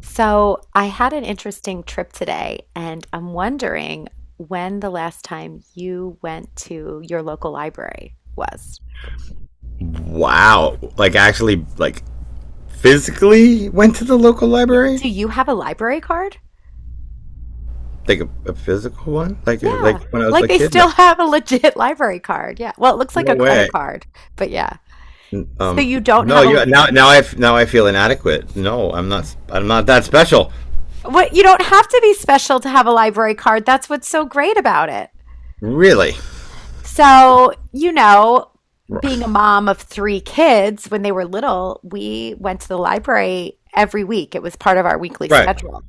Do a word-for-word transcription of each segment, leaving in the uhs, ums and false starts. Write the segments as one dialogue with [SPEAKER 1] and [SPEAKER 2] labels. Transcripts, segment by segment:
[SPEAKER 1] So, I had an interesting trip today, and I'm wondering when the last time you went to your local library was.
[SPEAKER 2] Wow. Like actually like physically went to the local
[SPEAKER 1] Yeah.
[SPEAKER 2] library?
[SPEAKER 1] Do you have a library card?
[SPEAKER 2] Like a, a physical one? Like a,
[SPEAKER 1] Yeah.
[SPEAKER 2] like when I was
[SPEAKER 1] Like
[SPEAKER 2] a
[SPEAKER 1] they
[SPEAKER 2] kid? No.
[SPEAKER 1] still have a legit library card. Yeah. Well, it looks like
[SPEAKER 2] No
[SPEAKER 1] a credit
[SPEAKER 2] way.
[SPEAKER 1] card, but yeah. So
[SPEAKER 2] Um
[SPEAKER 1] you don't
[SPEAKER 2] no,
[SPEAKER 1] have a
[SPEAKER 2] you now now I f- now I feel inadequate. No, I'm not I'm not that special.
[SPEAKER 1] what you don't have to be special to have a library card. That's what's so great about it.
[SPEAKER 2] Really?
[SPEAKER 1] So, you know, being a mom of three kids, when they were little, we went to the library every week. It was part of our weekly
[SPEAKER 2] Right.
[SPEAKER 1] schedule.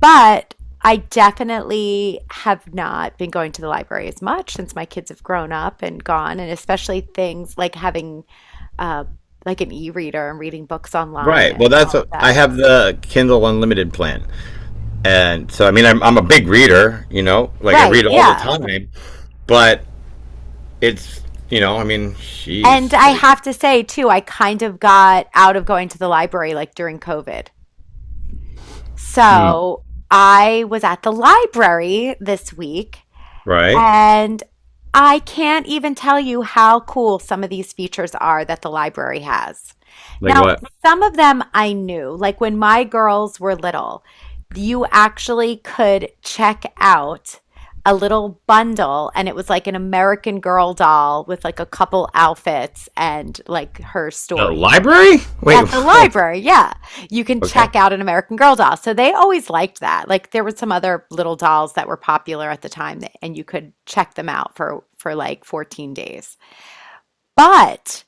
[SPEAKER 1] But I definitely have not been going to the library as much since my kids have grown up and gone, and especially things like having uh, like an e-reader and reading books online
[SPEAKER 2] Right. Well,
[SPEAKER 1] and
[SPEAKER 2] that's
[SPEAKER 1] all of
[SPEAKER 2] what, I
[SPEAKER 1] that.
[SPEAKER 2] have the Kindle Unlimited plan. And so I mean I'm I'm a big reader, you know? Like I
[SPEAKER 1] Right,
[SPEAKER 2] read all the
[SPEAKER 1] yeah.
[SPEAKER 2] time, but it's, you know, I mean,
[SPEAKER 1] And
[SPEAKER 2] jeez,
[SPEAKER 1] I
[SPEAKER 2] like
[SPEAKER 1] have to say too, I kind of got out of going to the library like during COVID.
[SPEAKER 2] mm,
[SPEAKER 1] So I was at the library this week
[SPEAKER 2] right?
[SPEAKER 1] and I can't even tell you how cool some of these features are that the library has.
[SPEAKER 2] Like
[SPEAKER 1] Now,
[SPEAKER 2] what?
[SPEAKER 1] some of them I knew, like when my girls were little, you actually could check out a little bundle and it was like an American Girl doll with like a couple outfits and like her
[SPEAKER 2] The
[SPEAKER 1] story.
[SPEAKER 2] library? Wait,
[SPEAKER 1] At the
[SPEAKER 2] hold
[SPEAKER 1] library, yeah. You can
[SPEAKER 2] on. Okay.
[SPEAKER 1] check out an American Girl doll. So they always liked that. Like there were some other little dolls that were popular at the time that, and you could check them out for for like fourteen days. But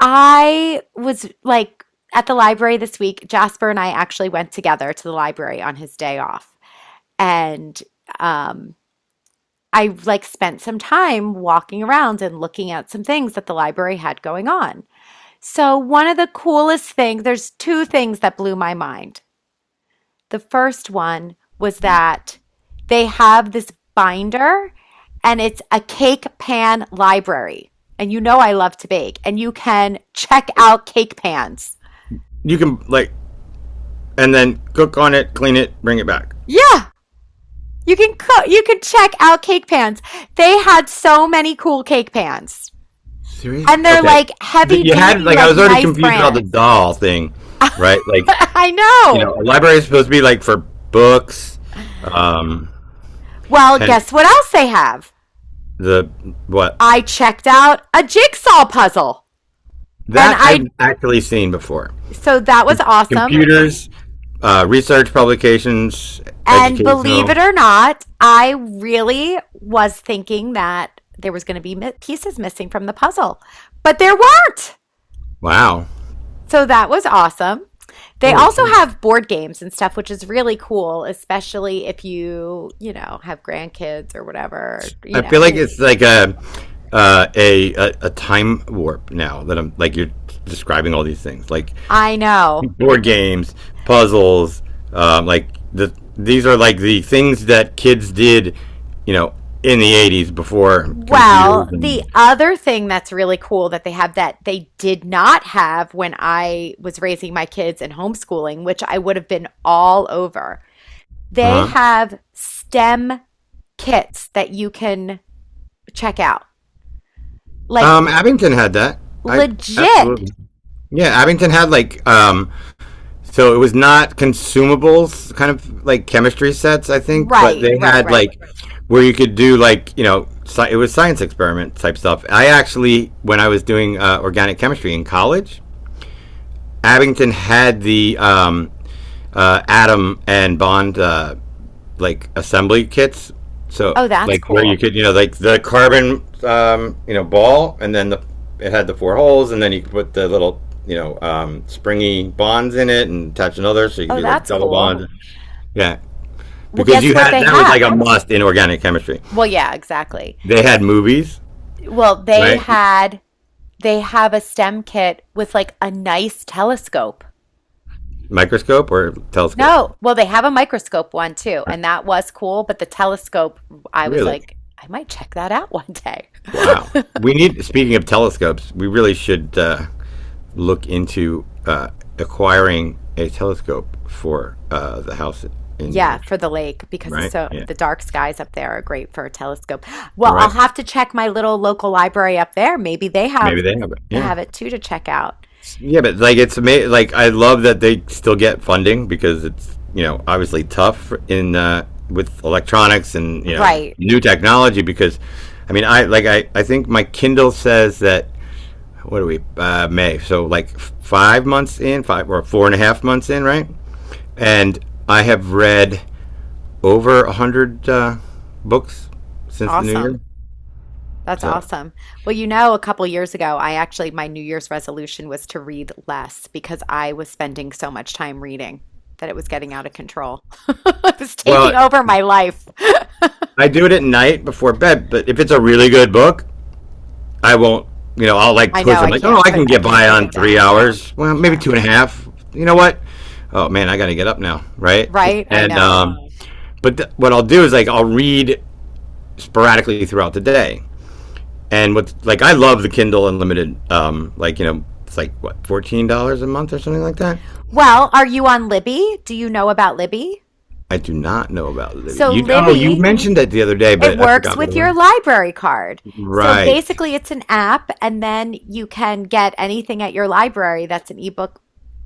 [SPEAKER 1] I was like at the library this week, Jasper and I actually went together to the library on his day off. And um I like spent some time walking around and looking at some things that the library had going on. So, one of the coolest things, there's two things that blew my mind. The first one was that they have this binder and it's a cake pan library. And you know I love to bake and you can check out cake pans.
[SPEAKER 2] You can like, and then cook on it, clean it, bring it back.
[SPEAKER 1] Yeah, you can cook, you can check out cake pans. They had so many cool cake pans.
[SPEAKER 2] Seriously?
[SPEAKER 1] And they're
[SPEAKER 2] Okay.
[SPEAKER 1] like heavy
[SPEAKER 2] You had
[SPEAKER 1] duty
[SPEAKER 2] like I
[SPEAKER 1] like
[SPEAKER 2] was already
[SPEAKER 1] nice
[SPEAKER 2] confused about the
[SPEAKER 1] brands.
[SPEAKER 2] doll thing, right? Like,
[SPEAKER 1] I
[SPEAKER 2] you
[SPEAKER 1] know.
[SPEAKER 2] know, a library is supposed to be like for books, um,
[SPEAKER 1] Well,
[SPEAKER 2] hence
[SPEAKER 1] guess what else they have?
[SPEAKER 2] the what
[SPEAKER 1] I checked out a jigsaw puzzle. And
[SPEAKER 2] that
[SPEAKER 1] I,
[SPEAKER 2] I've actually seen before.
[SPEAKER 1] so that was
[SPEAKER 2] Com-
[SPEAKER 1] awesome.
[SPEAKER 2] computers, uh, research publications,
[SPEAKER 1] And believe
[SPEAKER 2] educational.
[SPEAKER 1] it or not, I really was thinking that there was going to be mi- pieces missing from the puzzle, but there weren't.
[SPEAKER 2] Wow.
[SPEAKER 1] So that was awesome. They
[SPEAKER 2] Holy
[SPEAKER 1] also
[SPEAKER 2] cow.
[SPEAKER 1] have board games and stuff, which is really cool, especially if you, you know, have grandkids or whatever, you
[SPEAKER 2] I
[SPEAKER 1] know,
[SPEAKER 2] feel
[SPEAKER 1] if
[SPEAKER 2] like
[SPEAKER 1] you have
[SPEAKER 2] it's
[SPEAKER 1] people
[SPEAKER 2] like
[SPEAKER 1] coming
[SPEAKER 2] a
[SPEAKER 1] over.
[SPEAKER 2] uh, a, a a time warp now that I'm like you're describing all these things like
[SPEAKER 1] I know.
[SPEAKER 2] board games, puzzles, um, like the these are like the things that kids did, you know, in the eighties before computers
[SPEAKER 1] Well, the
[SPEAKER 2] and.
[SPEAKER 1] other thing that's really cool that they have that they did not have when I was raising my kids and homeschooling, which I would have been all over, they
[SPEAKER 2] Uh-huh.
[SPEAKER 1] have STEM kits that you can check out. Like
[SPEAKER 2] Um, Abington had that. I
[SPEAKER 1] legit.
[SPEAKER 2] absolutely. Yeah, Abington had like, um, so it was not consumables, kind of like chemistry sets, I think, but
[SPEAKER 1] Right,
[SPEAKER 2] they
[SPEAKER 1] right,
[SPEAKER 2] had
[SPEAKER 1] right.
[SPEAKER 2] like where you could do like, you know sci- it was science experiment type stuff. I actually, when I was doing uh, organic chemistry in college, Abington had the um, uh, atom and bond uh, like assembly kits. So
[SPEAKER 1] Oh, that's
[SPEAKER 2] like where you
[SPEAKER 1] cool.
[SPEAKER 2] could, you know like the carbon, um, you know ball, and then the it had the four holes, and then you put the little, you know um, springy bonds in it and attach another, so you could
[SPEAKER 1] Oh,
[SPEAKER 2] do like
[SPEAKER 1] that's
[SPEAKER 2] double
[SPEAKER 1] cool.
[SPEAKER 2] bond. Yeah,
[SPEAKER 1] Well,
[SPEAKER 2] because
[SPEAKER 1] guess
[SPEAKER 2] you
[SPEAKER 1] what
[SPEAKER 2] had
[SPEAKER 1] they
[SPEAKER 2] that was like a
[SPEAKER 1] have?
[SPEAKER 2] must in organic chemistry.
[SPEAKER 1] Well, yeah, exactly.
[SPEAKER 2] They had movies,
[SPEAKER 1] Well, they
[SPEAKER 2] right?
[SPEAKER 1] had, they have a STEM kit with like a nice telescope.
[SPEAKER 2] Microscope or telescope?
[SPEAKER 1] No, well, they have a microscope one too, and that was cool, but the telescope, I was
[SPEAKER 2] Really?
[SPEAKER 1] like, I might check that out one day.
[SPEAKER 2] Wow. We need. Speaking of telescopes, we really should uh, look into uh, acquiring a telescope for uh, the house in New
[SPEAKER 1] Yeah,
[SPEAKER 2] Hampshire,
[SPEAKER 1] for the lake because it's
[SPEAKER 2] right?
[SPEAKER 1] so
[SPEAKER 2] Yeah.
[SPEAKER 1] the dark skies up there are great for a telescope.
[SPEAKER 2] All
[SPEAKER 1] Well, I'll
[SPEAKER 2] right.
[SPEAKER 1] have to check my little local library up there. Maybe they
[SPEAKER 2] Maybe
[SPEAKER 1] have
[SPEAKER 2] they have it. Yeah.
[SPEAKER 1] have it too to check out.
[SPEAKER 2] Yeah, but like it's amazing. Like I love that they still get funding because it's, you know obviously tough in, uh, with electronics and, you know
[SPEAKER 1] Right.
[SPEAKER 2] new technology because I mean, I like I I think my Kindle says that what are we, uh, May, so like five months in five or four and a half months in, right, and I have read over a hundred uh, books since the new year.
[SPEAKER 1] Awesome. That's
[SPEAKER 2] So,
[SPEAKER 1] awesome. Well, you know, a couple years ago, I actually, my New Year's resolution was to read less because I was spending so much time reading that it was getting out of control. It was taking
[SPEAKER 2] well,
[SPEAKER 1] over my life.
[SPEAKER 2] I do it at night before bed. But if it's a really good book, I won't. You know, I'll like
[SPEAKER 1] I know,
[SPEAKER 2] push. I'm
[SPEAKER 1] I
[SPEAKER 2] like, oh,
[SPEAKER 1] can't
[SPEAKER 2] I
[SPEAKER 1] put,
[SPEAKER 2] can
[SPEAKER 1] I
[SPEAKER 2] get
[SPEAKER 1] can't
[SPEAKER 2] by
[SPEAKER 1] put
[SPEAKER 2] on
[SPEAKER 1] it
[SPEAKER 2] three
[SPEAKER 1] down.
[SPEAKER 2] hours. Well, maybe
[SPEAKER 1] Yeah.
[SPEAKER 2] two and a half. You know what? Oh man, I got to get up now, right?
[SPEAKER 1] Right? I
[SPEAKER 2] And,
[SPEAKER 1] know.
[SPEAKER 2] um, but th- what I'll do is like I'll read sporadically throughout the day. And what's like I love the Kindle Unlimited. Um, like, you know, it's like what, fourteen dollars a month or something like that.
[SPEAKER 1] Well, are you on Libby? Do you know about Libby?
[SPEAKER 2] I do not know about Libby.
[SPEAKER 1] So
[SPEAKER 2] You oh, you
[SPEAKER 1] Libby,
[SPEAKER 2] mentioned that the other day,
[SPEAKER 1] it
[SPEAKER 2] but I
[SPEAKER 1] works
[SPEAKER 2] forgot what
[SPEAKER 1] with
[SPEAKER 2] it was.
[SPEAKER 1] your library card. So
[SPEAKER 2] Right.
[SPEAKER 1] basically, it's an app, and then you can get anything at your library that's an ebook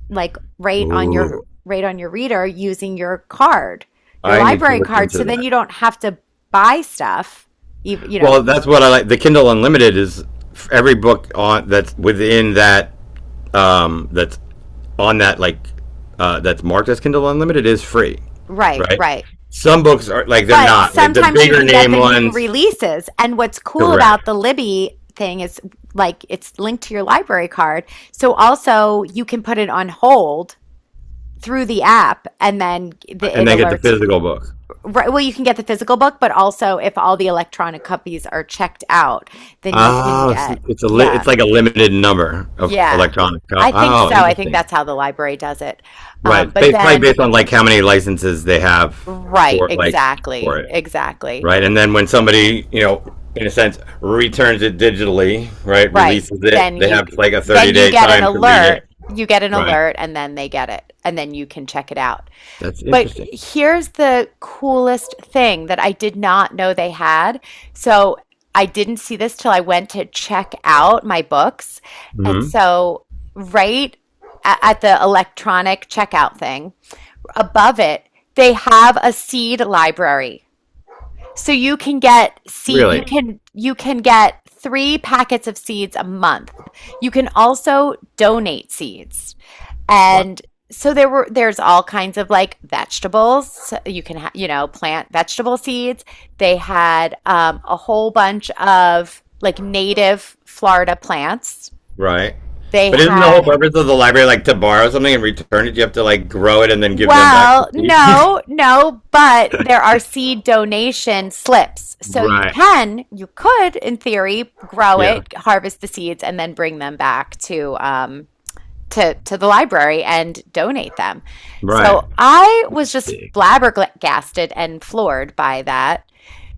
[SPEAKER 1] like right on your
[SPEAKER 2] Ooh,
[SPEAKER 1] right on your reader using your card, your
[SPEAKER 2] I need to
[SPEAKER 1] library
[SPEAKER 2] look
[SPEAKER 1] card.
[SPEAKER 2] into
[SPEAKER 1] So then
[SPEAKER 2] that.
[SPEAKER 1] you don't have to buy stuff, even you know,
[SPEAKER 2] Well, that's what I like. The Kindle Unlimited is every book on that's within that, um that's on that, like, uh that's marked as Kindle Unlimited is free,
[SPEAKER 1] right,
[SPEAKER 2] right?
[SPEAKER 1] right.
[SPEAKER 2] Some books are like they're
[SPEAKER 1] But
[SPEAKER 2] not like the
[SPEAKER 1] sometimes you
[SPEAKER 2] bigger
[SPEAKER 1] can get
[SPEAKER 2] name
[SPEAKER 1] the new
[SPEAKER 2] ones,
[SPEAKER 1] releases. And what's cool
[SPEAKER 2] correct?
[SPEAKER 1] about the Libby thing is like it's linked to your library card. So also you can put it on hold through the app and then the,
[SPEAKER 2] And
[SPEAKER 1] it
[SPEAKER 2] then get the
[SPEAKER 1] alerts you.
[SPEAKER 2] physical book.
[SPEAKER 1] Right, well, you can get the physical book, but also if all the electronic copies are checked out, then you can
[SPEAKER 2] Oh, so
[SPEAKER 1] get,
[SPEAKER 2] it's a li-
[SPEAKER 1] yeah.
[SPEAKER 2] it's like a limited number of
[SPEAKER 1] Yeah,
[SPEAKER 2] electronic. co-
[SPEAKER 1] I think so.
[SPEAKER 2] Oh,
[SPEAKER 1] I think
[SPEAKER 2] interesting.
[SPEAKER 1] that's how the library does it.
[SPEAKER 2] Right.
[SPEAKER 1] Um, but
[SPEAKER 2] Ba- probably
[SPEAKER 1] then,
[SPEAKER 2] based on like how many licenses they have
[SPEAKER 1] right,
[SPEAKER 2] for like for
[SPEAKER 1] exactly,
[SPEAKER 2] it.
[SPEAKER 1] exactly,
[SPEAKER 2] Right. And then when somebody, you know, in a sense, returns it digitally, right,
[SPEAKER 1] right.
[SPEAKER 2] releases it,
[SPEAKER 1] Then
[SPEAKER 2] they
[SPEAKER 1] you
[SPEAKER 2] have like a 30
[SPEAKER 1] then you
[SPEAKER 2] day
[SPEAKER 1] get an
[SPEAKER 2] time to read it.
[SPEAKER 1] alert. You get an
[SPEAKER 2] Right.
[SPEAKER 1] alert, and then they get it, and then you can check it out.
[SPEAKER 2] That's
[SPEAKER 1] But
[SPEAKER 2] interesting.
[SPEAKER 1] here's the coolest thing that I did not know they had. So I didn't see this till I went to check out my books, and
[SPEAKER 2] Hmm.
[SPEAKER 1] so right a- at the electronic checkout thing, above it, they have a seed library. So you can get seed you
[SPEAKER 2] Really?
[SPEAKER 1] can you can get three packets of seeds a month. You can also donate seeds.
[SPEAKER 2] Wow.
[SPEAKER 1] And so there were there's all kinds of like vegetables. So you can ha- you know plant vegetable seeds. They had um, a whole bunch of like native Florida plants
[SPEAKER 2] Right.
[SPEAKER 1] they
[SPEAKER 2] But isn't the
[SPEAKER 1] had.
[SPEAKER 2] whole purpose of the library like to borrow something and return it? You have to like grow it and then give them back the
[SPEAKER 1] Well,
[SPEAKER 2] seed?
[SPEAKER 1] no, no, but there are seed donation slips. So you
[SPEAKER 2] Right.
[SPEAKER 1] can, you could, in theory, grow
[SPEAKER 2] Yeah.
[SPEAKER 1] it, harvest the seeds, and then bring them back to um to to the library and donate them.
[SPEAKER 2] Right.
[SPEAKER 1] So I was just flabbergasted and floored by that.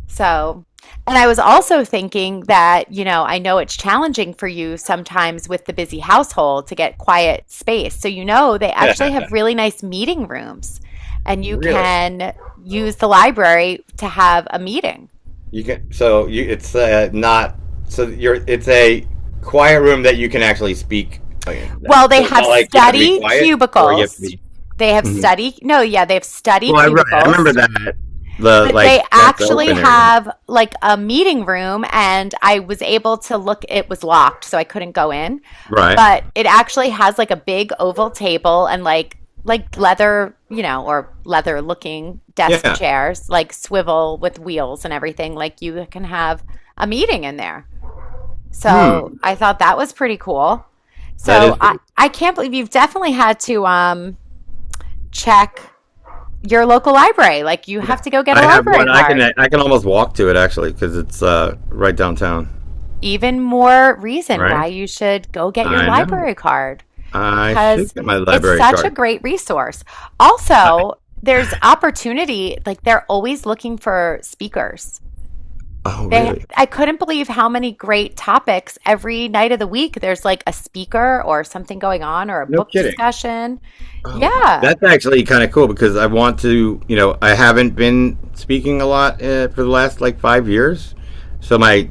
[SPEAKER 1] So, and I was also thinking that, you know, I know it's challenging for you sometimes with the busy household to get quiet space. So, you know, they actually have really nice meeting rooms and you
[SPEAKER 2] Really?
[SPEAKER 1] can use the library to have a meeting.
[SPEAKER 2] You can so you it's, uh, not. So you're it's a quiet room that you can actually speak in.
[SPEAKER 1] Well, they
[SPEAKER 2] So it's
[SPEAKER 1] have
[SPEAKER 2] not like you have to be
[SPEAKER 1] study
[SPEAKER 2] quiet or you have to
[SPEAKER 1] cubicles.
[SPEAKER 2] be.
[SPEAKER 1] They have
[SPEAKER 2] Mhm.
[SPEAKER 1] study, no, yeah, they have study
[SPEAKER 2] Well, I, right. I remember
[SPEAKER 1] cubicles,
[SPEAKER 2] that, the
[SPEAKER 1] but they
[SPEAKER 2] like that's the
[SPEAKER 1] actually
[SPEAKER 2] open area.
[SPEAKER 1] have like a meeting room and I was able to look, it was locked, so I couldn't go in
[SPEAKER 2] Right.
[SPEAKER 1] but it actually has like a big oval table and like like leather, you know, or leather looking desk
[SPEAKER 2] Yeah.
[SPEAKER 1] chairs, like swivel with wheels and everything. Like you can have a meeting in there.
[SPEAKER 2] Hmm.
[SPEAKER 1] So I thought that was pretty cool.
[SPEAKER 2] That
[SPEAKER 1] So
[SPEAKER 2] is
[SPEAKER 1] I
[SPEAKER 2] pretty.
[SPEAKER 1] I can't believe you've definitely had to um check your local library. Like you
[SPEAKER 2] Yeah.
[SPEAKER 1] have to go get a
[SPEAKER 2] I have
[SPEAKER 1] library
[SPEAKER 2] one. I can
[SPEAKER 1] card.
[SPEAKER 2] I can almost walk to it actually because it's uh right downtown.
[SPEAKER 1] Even more reason
[SPEAKER 2] Right.
[SPEAKER 1] why you should go get your
[SPEAKER 2] I know.
[SPEAKER 1] library card
[SPEAKER 2] I should
[SPEAKER 1] because
[SPEAKER 2] get my
[SPEAKER 1] it's
[SPEAKER 2] library
[SPEAKER 1] such a
[SPEAKER 2] card.
[SPEAKER 1] great resource.
[SPEAKER 2] I,
[SPEAKER 1] Also, there's opportunity, like they're always looking for speakers.
[SPEAKER 2] oh
[SPEAKER 1] They,
[SPEAKER 2] really?
[SPEAKER 1] I couldn't believe how many great topics every night of the week. There's like a speaker or something going on or a
[SPEAKER 2] No
[SPEAKER 1] book
[SPEAKER 2] kidding.
[SPEAKER 1] discussion.
[SPEAKER 2] Oh,
[SPEAKER 1] Yeah,
[SPEAKER 2] that's actually kind of cool because I want to, you know, I haven't been speaking a lot, uh, for the last like five years, so my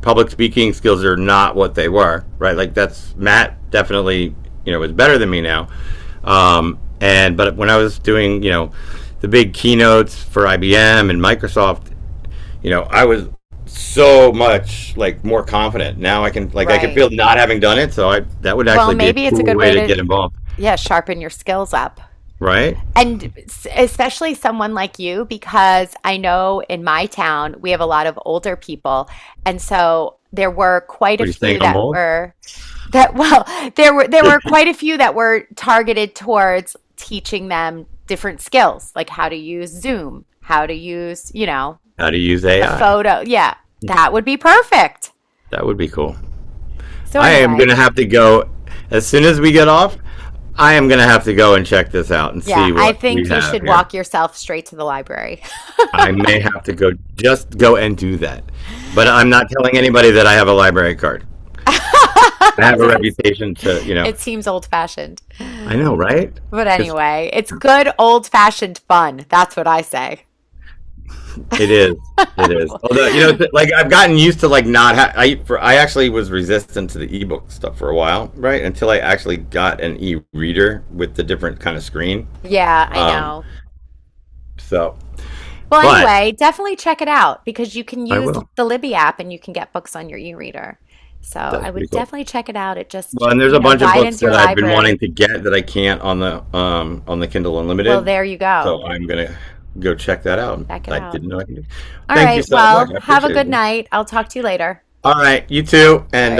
[SPEAKER 2] public speaking skills are not what they were, right? Like that's Matt, definitely, you know, is better than me now. Um, and but when I was doing, you know, the big keynotes for I B M and Microsoft, you know, I was so much like more confident now. I can like I can
[SPEAKER 1] right.
[SPEAKER 2] feel not having done it, so I that would
[SPEAKER 1] Well,
[SPEAKER 2] actually be a
[SPEAKER 1] maybe it's a
[SPEAKER 2] cool
[SPEAKER 1] good
[SPEAKER 2] way
[SPEAKER 1] way
[SPEAKER 2] to
[SPEAKER 1] to,
[SPEAKER 2] get involved,
[SPEAKER 1] yeah, sharpen your skills up.
[SPEAKER 2] right?
[SPEAKER 1] And especially someone like you, because I know in my town we have a lot of older people. And so there were quite a
[SPEAKER 2] What are you saying?
[SPEAKER 1] few
[SPEAKER 2] I'm
[SPEAKER 1] that
[SPEAKER 2] old.
[SPEAKER 1] were that well, there were there were quite a few that were targeted towards teaching them different skills, like how to use Zoom, how to use, you know,
[SPEAKER 2] How to use
[SPEAKER 1] a
[SPEAKER 2] A I.
[SPEAKER 1] photo. Yeah, that would be perfect.
[SPEAKER 2] That would be cool.
[SPEAKER 1] So
[SPEAKER 2] I am
[SPEAKER 1] anyway,
[SPEAKER 2] going to have to go as soon as we get off. I am going to have to go and check this out and
[SPEAKER 1] yeah,
[SPEAKER 2] see
[SPEAKER 1] I
[SPEAKER 2] what we
[SPEAKER 1] think you
[SPEAKER 2] have
[SPEAKER 1] should
[SPEAKER 2] here.
[SPEAKER 1] walk yourself straight to the library.
[SPEAKER 2] I may have to go just go and do that. But I'm not telling anybody that I have a library card. I have a
[SPEAKER 1] Does it,
[SPEAKER 2] reputation to, you know,
[SPEAKER 1] it seems old fashioned.
[SPEAKER 2] I know, right?
[SPEAKER 1] But
[SPEAKER 2] It's
[SPEAKER 1] anyway, it's good old fashioned fun. That's what I say.
[SPEAKER 2] it is. It is. Although, you know, like I've gotten used to like not ha- I for I actually was resistant to the ebook stuff for a while, right? Until I actually got an e-reader with the different kind of screen.
[SPEAKER 1] Yeah, I
[SPEAKER 2] Um
[SPEAKER 1] know.
[SPEAKER 2] So,
[SPEAKER 1] Well,
[SPEAKER 2] but
[SPEAKER 1] anyway, definitely check it out because you can
[SPEAKER 2] I
[SPEAKER 1] use
[SPEAKER 2] will.
[SPEAKER 1] the Libby app and you can get books on your e-reader. So I
[SPEAKER 2] That's pretty
[SPEAKER 1] would
[SPEAKER 2] cool.
[SPEAKER 1] definitely check it out. It just,
[SPEAKER 2] Well, and there's
[SPEAKER 1] you
[SPEAKER 2] a
[SPEAKER 1] know,
[SPEAKER 2] bunch of books
[SPEAKER 1] widens your
[SPEAKER 2] that I've been
[SPEAKER 1] library.
[SPEAKER 2] wanting to get that I can't on the um on the Kindle
[SPEAKER 1] Well,
[SPEAKER 2] Unlimited.
[SPEAKER 1] there you go.
[SPEAKER 2] So I'm gonna go check that out.
[SPEAKER 1] Check it
[SPEAKER 2] I
[SPEAKER 1] out.
[SPEAKER 2] didn't know I could. do-
[SPEAKER 1] All
[SPEAKER 2] Thank you
[SPEAKER 1] right.
[SPEAKER 2] so much.
[SPEAKER 1] Well,
[SPEAKER 2] I
[SPEAKER 1] have a
[SPEAKER 2] appreciate
[SPEAKER 1] good
[SPEAKER 2] it.
[SPEAKER 1] night. I'll talk to you later.
[SPEAKER 2] All right, you too,
[SPEAKER 1] All
[SPEAKER 2] and
[SPEAKER 1] right.
[SPEAKER 2] Uh,